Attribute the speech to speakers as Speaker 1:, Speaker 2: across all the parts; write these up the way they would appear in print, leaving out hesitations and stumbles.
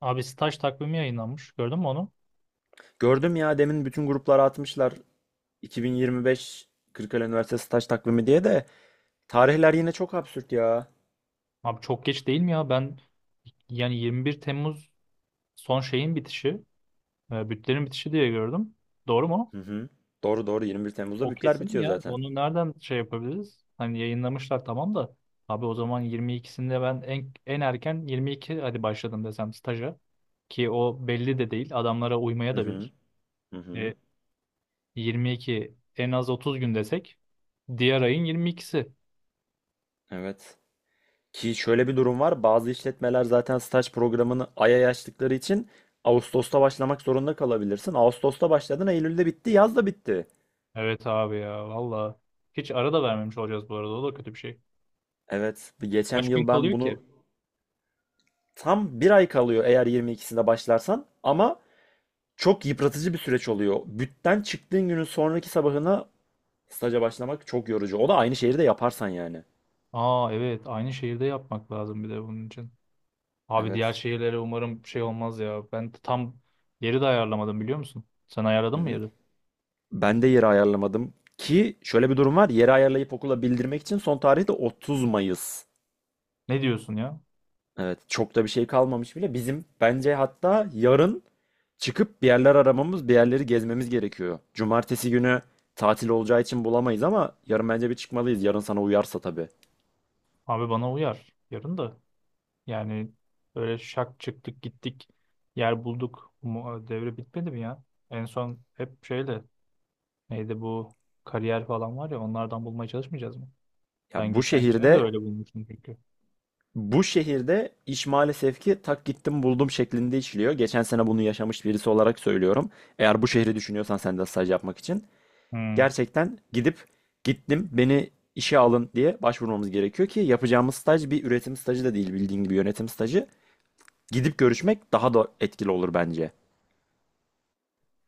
Speaker 1: Abi staj takvimi yayınlanmış. Gördün mü onu?
Speaker 2: Gördüm ya, demin bütün gruplara atmışlar. 2025 Kırıkkale Üniversitesi staj takvimi diye de tarihler yine çok absürt ya.
Speaker 1: Abi çok geç değil mi ya? Ben yani 21 Temmuz son şeyin bitişi, bütlerin bitişi diye gördüm. Doğru mu?
Speaker 2: Hı hı. Doğru doğru, 21 Temmuz'da
Speaker 1: O
Speaker 2: bütler
Speaker 1: kesin mi
Speaker 2: bitiyor
Speaker 1: ya.
Speaker 2: zaten.
Speaker 1: Onu nereden şey yapabiliriz? Hani yayınlamışlar tamam da. Abi o zaman 22'sinde ben en erken 22 hadi başladım desem staja. Ki o belli de değil. Adamlara uymaya
Speaker 2: Hı
Speaker 1: da
Speaker 2: hı.
Speaker 1: bilir.
Speaker 2: Hı hı.
Speaker 1: E, 22 en az 30 gün desek diğer ayın 22'si.
Speaker 2: Evet. Ki şöyle bir durum var. Bazı işletmeler zaten staj programını aya yaştıkları için Ağustos'ta başlamak zorunda kalabilirsin. Ağustos'ta başladın, Eylül'de bitti, yaz da bitti.
Speaker 1: Evet abi ya valla. Hiç ara da vermemiş olacağız bu arada. O da kötü bir şey.
Speaker 2: Evet, bir geçen
Speaker 1: Kaç gün
Speaker 2: yıl ben
Speaker 1: kalıyor ki?
Speaker 2: bunu tam bir ay kalıyor eğer 22'sinde başlarsan ama çok yıpratıcı bir süreç oluyor. Bütten çıktığın günün sonraki sabahına staja başlamak çok yorucu. O da aynı şehirde yaparsan yani.
Speaker 1: Aa evet aynı şehirde yapmak lazım bir de bunun için. Abi diğer
Speaker 2: Evet.
Speaker 1: şehirlere umarım şey olmaz ya. Ben tam yeri de ayarlamadım biliyor musun? Sen
Speaker 2: Hı
Speaker 1: ayarladın mı
Speaker 2: hı.
Speaker 1: yeri?
Speaker 2: Ben de yeri ayarlamadım. Ki şöyle bir durum var. Yeri ayarlayıp okula bildirmek için son tarih de 30 Mayıs.
Speaker 1: Ne diyorsun ya?
Speaker 2: Evet, çok da bir şey kalmamış bile. Bizim bence hatta yarın çıkıp bir yerler aramamız, bir yerleri gezmemiz gerekiyor. Cumartesi günü tatil olacağı için bulamayız ama yarın bence bir çıkmalıyız. Yarın sana uyarsa tabii.
Speaker 1: Abi bana uyar. Yarın da. Yani böyle şak çıktık gittik. Yer bulduk. Devre bitmedi mi ya? En son hep şeyle neydi bu kariyer falan var ya onlardan bulmaya çalışmayacağız mı? Ben
Speaker 2: Ya bu
Speaker 1: geçenkine de
Speaker 2: şehirde
Speaker 1: öyle bulmuştum çünkü.
Speaker 2: Bu şehirde iş maalesef ki tak gittim buldum şeklinde işliyor. Geçen sene bunu yaşamış birisi olarak söylüyorum. Eğer bu şehri düşünüyorsan sen de staj yapmak için
Speaker 1: Hmm.
Speaker 2: gerçekten gidip gittim beni işe alın diye başvurmamız gerekiyor ki yapacağımız staj bir üretim stajı da değil, bildiğin gibi yönetim stajı. Gidip görüşmek daha da etkili olur bence.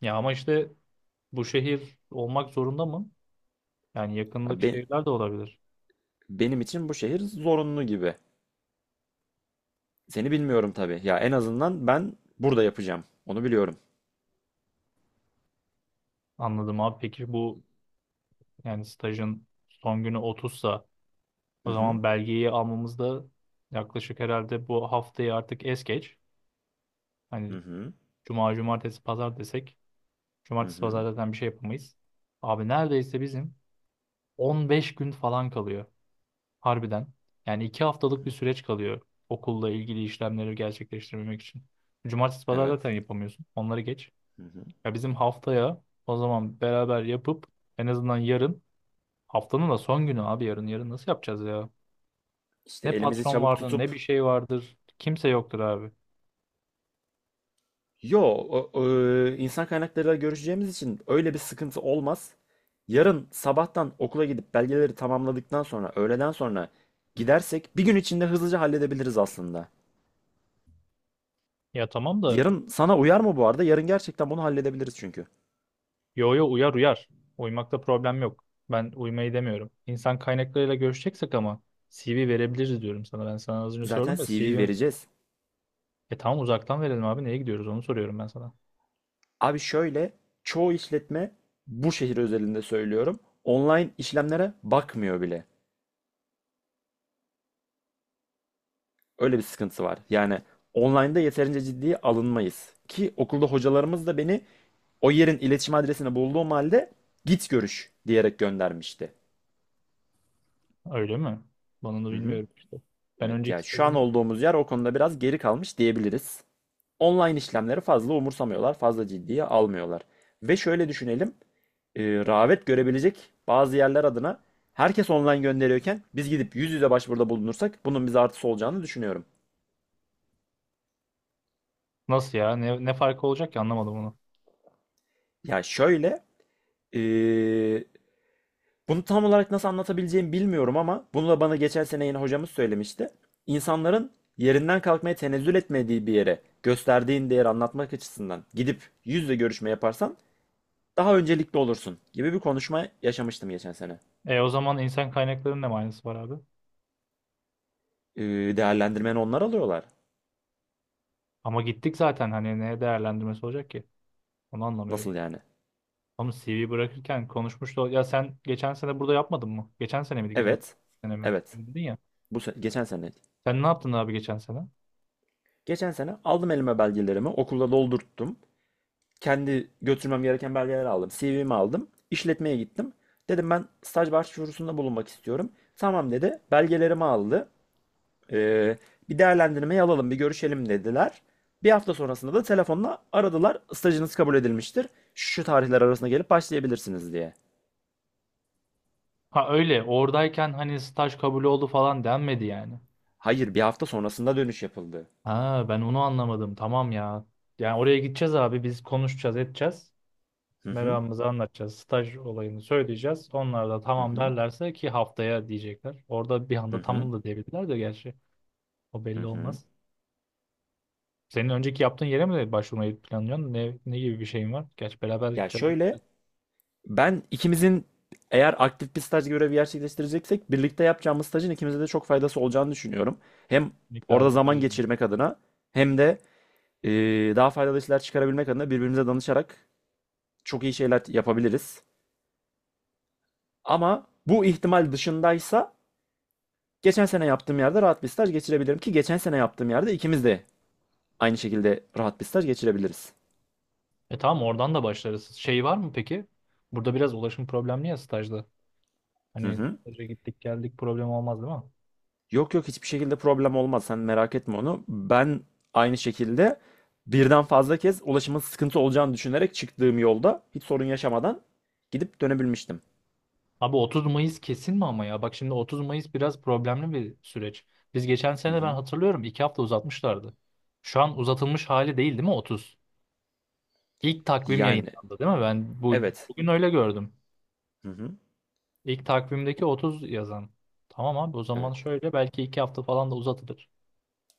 Speaker 1: Ya ama işte bu şehir olmak zorunda mı? Yani
Speaker 2: Ya
Speaker 1: yakındaki şehirler de olabilir.
Speaker 2: benim için bu şehir zorunlu gibi. Seni bilmiyorum tabii. Ya en azından ben burada yapacağım. Onu biliyorum.
Speaker 1: Anladım abi. Peki bu yani stajın son günü otuzsa,
Speaker 2: Hı
Speaker 1: o
Speaker 2: hı.
Speaker 1: zaman belgeyi almamız da yaklaşık herhalde bu haftayı artık es geç.
Speaker 2: Hı
Speaker 1: Hani
Speaker 2: hı.
Speaker 1: cuma, cumartesi, pazar desek
Speaker 2: Hı
Speaker 1: cumartesi, pazar
Speaker 2: hı.
Speaker 1: zaten bir şey yapamayız. Abi neredeyse bizim 15 gün falan kalıyor. Harbiden. Yani 2 haftalık bir süreç kalıyor okulla ilgili işlemleri gerçekleştirmemek için. Cumartesi, pazar
Speaker 2: Evet.
Speaker 1: zaten yapamıyorsun. Onları geç.
Speaker 2: Hı hı.
Speaker 1: Ya bizim haftaya o zaman beraber yapıp en azından yarın haftanın da son günü abi yarın nasıl yapacağız ya?
Speaker 2: İşte
Speaker 1: Ne
Speaker 2: elimizi
Speaker 1: patron
Speaker 2: çabuk
Speaker 1: vardır ne bir
Speaker 2: tutup
Speaker 1: şey vardır. Kimse yoktur abi.
Speaker 2: yo o- o, insan kaynaklarıyla görüşeceğimiz için öyle bir sıkıntı olmaz. Yarın sabahtan okula gidip belgeleri tamamladıktan sonra öğleden sonra gidersek bir gün içinde hızlıca halledebiliriz aslında.
Speaker 1: Ya tamam da
Speaker 2: Yarın sana uyar mı bu arada? Yarın gerçekten bunu halledebiliriz çünkü.
Speaker 1: yo'ya uyar uyar. Uymakta problem yok. Ben uymayı demiyorum. İnsan kaynaklarıyla görüşeceksek ama CV verebiliriz diyorum sana. Ben sana az önce
Speaker 2: Zaten
Speaker 1: sordum da
Speaker 2: CV
Speaker 1: CV'm...
Speaker 2: vereceğiz.
Speaker 1: E tamam uzaktan verelim abi neye gidiyoruz onu soruyorum ben sana.
Speaker 2: Abi şöyle, çoğu işletme, bu şehir özelinde söylüyorum, online işlemlere bakmıyor bile. Öyle bir sıkıntı var. Yani online'da yeterince ciddiye alınmayız. Ki okulda hocalarımız da beni o yerin iletişim adresini bulduğum halde git görüş diyerek göndermişti.
Speaker 1: Öyle mi? Bana da
Speaker 2: Hı hı.
Speaker 1: bilmiyorum işte. Ben
Speaker 2: Evet
Speaker 1: önceki
Speaker 2: yani şu an
Speaker 1: stajımı...
Speaker 2: olduğumuz yer o konuda biraz geri kalmış diyebiliriz. Online işlemleri fazla umursamıyorlar, fazla ciddiye almıyorlar. Ve şöyle düşünelim, rağbet görebilecek bazı yerler adına herkes online gönderiyorken biz gidip yüz yüze başvuruda bulunursak bunun bize artısı olacağını düşünüyorum.
Speaker 1: Nasıl ya? Ne farkı olacak ki anlamadım onu.
Speaker 2: Ya şöyle, e, bunu tam olarak nasıl anlatabileceğimi bilmiyorum ama bunu da bana geçen sene yine hocamız söylemişti. İnsanların yerinden kalkmaya tenezzül etmediği bir yere gösterdiğin değeri anlatmak açısından gidip yüzle görüşme yaparsan daha öncelikli olursun gibi bir konuşma yaşamıştım geçen sene.
Speaker 1: E o zaman insan kaynaklarının ne manası var abi?
Speaker 2: Ee, Değerlendirmeni onlar alıyorlar.
Speaker 1: Ama gittik zaten hani ne değerlendirmesi olacak ki? Onu anlamıyorum.
Speaker 2: Nasıl yani?
Speaker 1: Oğlum CV bırakırken konuşmuştu. Ya sen geçen sene burada yapmadın mı? Geçen sene miydi?
Speaker 2: Evet.
Speaker 1: Sene mi?
Speaker 2: Evet.
Speaker 1: Öyle dedin ya.
Speaker 2: Geçen sene.
Speaker 1: Sen ne yaptın abi geçen sene?
Speaker 2: Geçen sene aldım elime belgelerimi, okulda doldurttum. Kendi götürmem gereken belgeleri aldım. CV'mi aldım. İşletmeye gittim. Dedim ben staj başvurusunda bulunmak istiyorum. Tamam dedi. Belgelerimi aldı. Ee, Bir değerlendirmeyi alalım, bir görüşelim dediler. Bir hafta sonrasında da telefonla aradılar. Stajınız kabul edilmiştir. Şu tarihler arasında gelip başlayabilirsiniz diye.
Speaker 1: Ha öyle. Oradayken hani staj kabul oldu falan denmedi yani.
Speaker 2: Hayır, bir hafta sonrasında dönüş yapıldı.
Speaker 1: Ha ben onu anlamadım. Tamam ya. Yani oraya gideceğiz abi. Biz konuşacağız, edeceğiz.
Speaker 2: Hı hı,
Speaker 1: Meramımızı anlatacağız. Staj olayını söyleyeceğiz. Onlar da
Speaker 2: hı
Speaker 1: tamam
Speaker 2: hı,
Speaker 1: derlerse ki haftaya diyecekler. Orada bir
Speaker 2: hı
Speaker 1: anda
Speaker 2: hı,
Speaker 1: tamam da diyebilirler de gerçi. O
Speaker 2: hı
Speaker 1: belli
Speaker 2: hı.
Speaker 1: olmaz. Senin önceki yaptığın yere mi başvurmayı planlıyorsun? Ne gibi bir şeyin var? Gerçi beraber
Speaker 2: Ya
Speaker 1: gideceğiz.
Speaker 2: şöyle, ben ikimizin, eğer aktif bir staj görevi gerçekleştireceksek, birlikte yapacağımız stajın ikimize de çok faydası olacağını düşünüyorum. Hem
Speaker 1: Birlikte
Speaker 2: orada
Speaker 1: abi
Speaker 2: zaman
Speaker 1: yaparız bunu.
Speaker 2: geçirmek adına, hem de e, daha faydalı işler çıkarabilmek adına birbirimize danışarak çok iyi şeyler yapabiliriz. Ama bu ihtimal dışındaysa geçen sene yaptığım yerde rahat bir staj geçirebilirim ki geçen sene yaptığım yerde ikimiz de aynı şekilde rahat bir staj geçirebiliriz.
Speaker 1: E tamam oradan da başlarız. Şey var mı peki? Burada biraz ulaşım problemli ya stajda.
Speaker 2: Hı
Speaker 1: Hani
Speaker 2: hı.
Speaker 1: staja gittik geldik problem olmaz değil mi?
Speaker 2: Yok yok, hiçbir şekilde problem olmaz. Sen merak etme onu. Ben aynı şekilde birden fazla kez ulaşımın sıkıntı olacağını düşünerek çıktığım yolda hiç sorun yaşamadan gidip dönebilmiştim.
Speaker 1: Abi 30 Mayıs kesin mi ama ya? Bak şimdi 30 Mayıs biraz problemli bir süreç. Biz geçen
Speaker 2: Hı
Speaker 1: sene ben
Speaker 2: hı.
Speaker 1: hatırlıyorum 2 hafta uzatmışlardı. Şu an uzatılmış hali değil mi 30? İlk takvim
Speaker 2: Yani
Speaker 1: yayınlandı değil mi? Ben
Speaker 2: evet.
Speaker 1: bugün öyle gördüm.
Speaker 2: Hı hı.
Speaker 1: İlk takvimdeki 30 yazan. Tamam abi o zaman
Speaker 2: Evet.
Speaker 1: şöyle belki 2 hafta falan da uzatılır.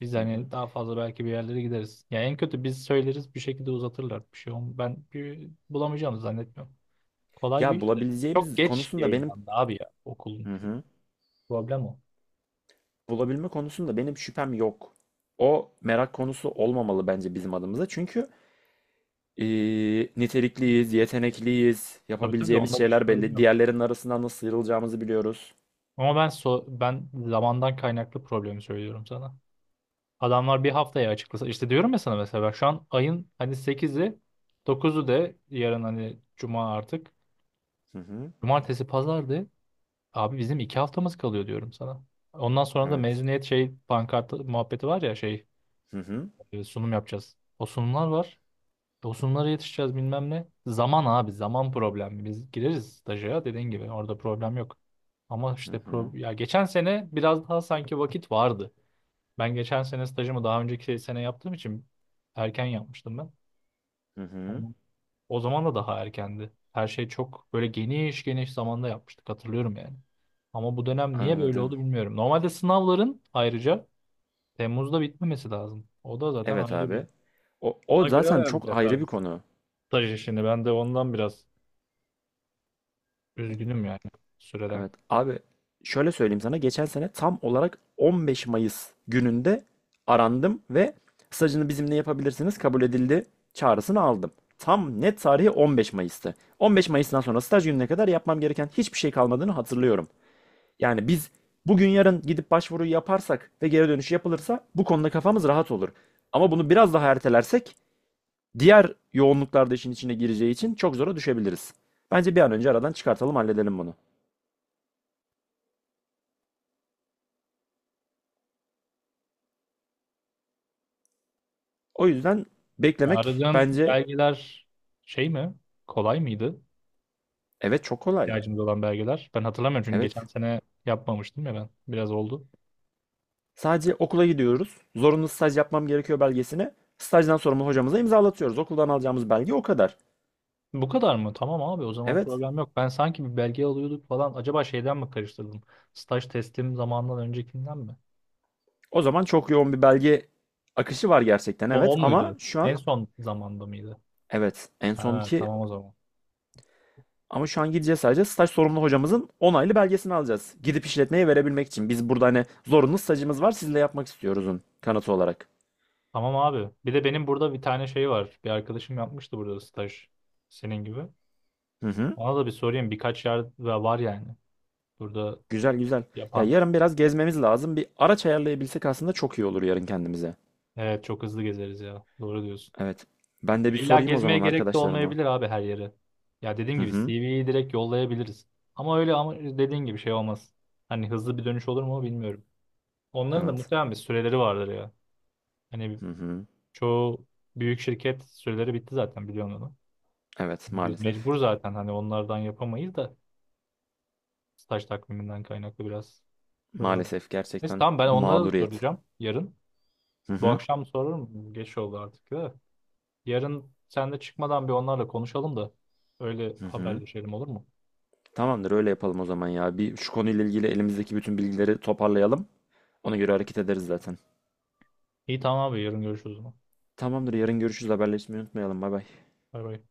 Speaker 1: Biz
Speaker 2: Hı hı.
Speaker 1: hani daha fazla belki bir yerlere gideriz. Ya en kötü biz söyleriz bir şekilde uzatırlar. Ben bir bulamayacağımı zannetmiyorum. Kolay bir
Speaker 2: Ya
Speaker 1: iş de. Çok
Speaker 2: bulabileceğimiz
Speaker 1: geç
Speaker 2: konusunda benim,
Speaker 1: yayınlandı abi ya okulun
Speaker 2: hı
Speaker 1: şey.
Speaker 2: hı.
Speaker 1: Problem o.
Speaker 2: Bulabilme konusunda benim şüphem yok. O merak konusu olmamalı bence bizim adımıza. Çünkü nitelikliyiz, yetenekliyiz,
Speaker 1: Tabii tabii
Speaker 2: yapabileceğimiz
Speaker 1: onda bir
Speaker 2: şeyler
Speaker 1: sorun
Speaker 2: belli.
Speaker 1: yok.
Speaker 2: Diğerlerinin arasından nasıl sıyrılacağımızı biliyoruz.
Speaker 1: Ama ben zamandan kaynaklı problemi söylüyorum sana. Adamlar bir haftaya açıklasa işte diyorum ya sana mesela ben şu an ayın hani sekizi, dokuzu de yarın hani cuma artık Cumartesi pazardı. Abi bizim 2 haftamız kalıyor diyorum sana. Ondan sonra da
Speaker 2: Evet.
Speaker 1: mezuniyet şey pankart muhabbeti var ya şey
Speaker 2: Hı hı.
Speaker 1: sunum yapacağız. O sunumlar var. O sunumlara yetişeceğiz bilmem ne. Zaman abi zaman problem. Biz gireriz staja dediğin gibi orada problem yok. Ama
Speaker 2: Hı
Speaker 1: işte
Speaker 2: hı.
Speaker 1: ya geçen sene biraz daha sanki vakit vardı. Ben geçen sene stajımı daha önceki sene yaptığım için erken yapmıştım
Speaker 2: Hı hı.
Speaker 1: ben. O zaman da daha erkendi. Her şey çok böyle geniş geniş zamanda yapmıştık hatırlıyorum yani. Ama bu dönem niye böyle
Speaker 2: Anladım.
Speaker 1: oldu bilmiyorum. Normalde sınavların ayrıca Temmuz'da bitmemesi lazım. O da zaten
Speaker 2: Evet
Speaker 1: ayrı bir.
Speaker 2: abi. O
Speaker 1: Ona göre
Speaker 2: zaten çok ayrı
Speaker 1: ayarlayacaklardı.
Speaker 2: bir konu.
Speaker 1: Staj işini ben de ondan biraz üzgünüm yani süreden.
Speaker 2: Evet abi, şöyle söyleyeyim sana, geçen sene tam olarak 15 Mayıs gününde arandım ve stajını bizimle yapabilirsiniz, kabul edildi çağrısını aldım. Tam net tarihi 15 Mayıs'tı. 15 Mayıs'tan sonra staj gününe kadar yapmam gereken hiçbir şey kalmadığını hatırlıyorum. Yani biz bugün yarın gidip başvuruyu yaparsak ve geri dönüş yapılırsa bu konuda kafamız rahat olur. Ama bunu biraz daha ertelersek diğer yoğunluklarda işin içine gireceği için çok zora düşebiliriz. Bence bir an önce aradan çıkartalım, halledelim bunu. O yüzden
Speaker 1: Ya
Speaker 2: beklemek
Speaker 1: aradığın
Speaker 2: bence.
Speaker 1: belgeler şey mi? Kolay mıydı?
Speaker 2: Evet, çok kolay.
Speaker 1: İhtiyacımız olan belgeler. Ben hatırlamıyorum çünkü geçen
Speaker 2: Evet.
Speaker 1: sene yapmamıştım ya ben. Biraz oldu.
Speaker 2: Sadece okula gidiyoruz. Zorunlu staj yapmam gerekiyor belgesine. Stajdan sorumlu hocamıza imzalatıyoruz. Okuldan alacağımız belge o kadar.
Speaker 1: Bu kadar mı? Tamam abi o zaman
Speaker 2: Evet.
Speaker 1: problem yok. Ben sanki bir belge alıyorduk falan. Acaba şeyden mi karıştırdım? Staj teslim zamanından öncekinden mi?
Speaker 2: O zaman çok yoğun bir belge akışı var gerçekten,
Speaker 1: O,
Speaker 2: evet,
Speaker 1: o
Speaker 2: ama
Speaker 1: muydu?
Speaker 2: şu
Speaker 1: En
Speaker 2: an.
Speaker 1: son zamanda mıydı?
Speaker 2: Evet, en son
Speaker 1: Ha,
Speaker 2: ki.
Speaker 1: tamam o zaman.
Speaker 2: Ama şu an gideceğiz, sadece staj sorumlu hocamızın onaylı belgesini alacağız, gidip işletmeye verebilmek için. Biz burada hani zorunlu stajımız var sizle yapmak istiyoruzun kanıtı olarak.
Speaker 1: Tamam abi. Bir de benim burada bir tane şey var. Bir arkadaşım yapmıştı burada staj. Senin gibi.
Speaker 2: Hı hı.
Speaker 1: Ona da bir sorayım. Birkaç yer var yani. Burada
Speaker 2: Güzel güzel. Ya
Speaker 1: yapan.
Speaker 2: yarın biraz gezmemiz lazım. Bir araç ayarlayabilsek aslında çok iyi olur yarın kendimize.
Speaker 1: Evet çok hızlı gezeriz ya. Doğru diyorsun.
Speaker 2: Evet. Ben
Speaker 1: Ya
Speaker 2: de bir
Speaker 1: İlla
Speaker 2: sorayım o
Speaker 1: gezmeye
Speaker 2: zaman
Speaker 1: gerek de
Speaker 2: arkadaşlarıma.
Speaker 1: olmayabilir abi her yere. Ya dediğim
Speaker 2: Hı
Speaker 1: gibi
Speaker 2: hı.
Speaker 1: CV'yi direkt yollayabiliriz. Ama öyle ama dediğin gibi şey olmaz. Hani hızlı bir dönüş olur mu bilmiyorum. Onların da
Speaker 2: Evet.
Speaker 1: muhtemelen bir süreleri vardır ya. Hani
Speaker 2: Hı hı.
Speaker 1: çoğu büyük şirket süreleri bitti zaten biliyorsun onu.
Speaker 2: Evet
Speaker 1: Hani biz
Speaker 2: maalesef.
Speaker 1: mecbur zaten hani onlardan yapamayız da staj takviminden kaynaklı biraz problem.
Speaker 2: Maalesef
Speaker 1: Neyse
Speaker 2: gerçekten
Speaker 1: tamam ben onlara da
Speaker 2: mağduriyet.
Speaker 1: soracağım yarın.
Speaker 2: Hı
Speaker 1: Bu
Speaker 2: hı.
Speaker 1: akşam sorarım. Geç oldu artık da. Yarın sen de çıkmadan bir onlarla konuşalım da öyle
Speaker 2: Hı hı.
Speaker 1: haberleşelim olur mu?
Speaker 2: Tamamdır, öyle yapalım o zaman ya. Bir şu konuyla ilgili elimizdeki bütün bilgileri toparlayalım. Ona göre hareket ederiz zaten.
Speaker 1: İyi tamam abi yarın görüşürüz o zaman.
Speaker 2: Tamamdır, yarın görüşürüz, haberleşmeyi unutmayalım. Bay bay.
Speaker 1: Bay bay.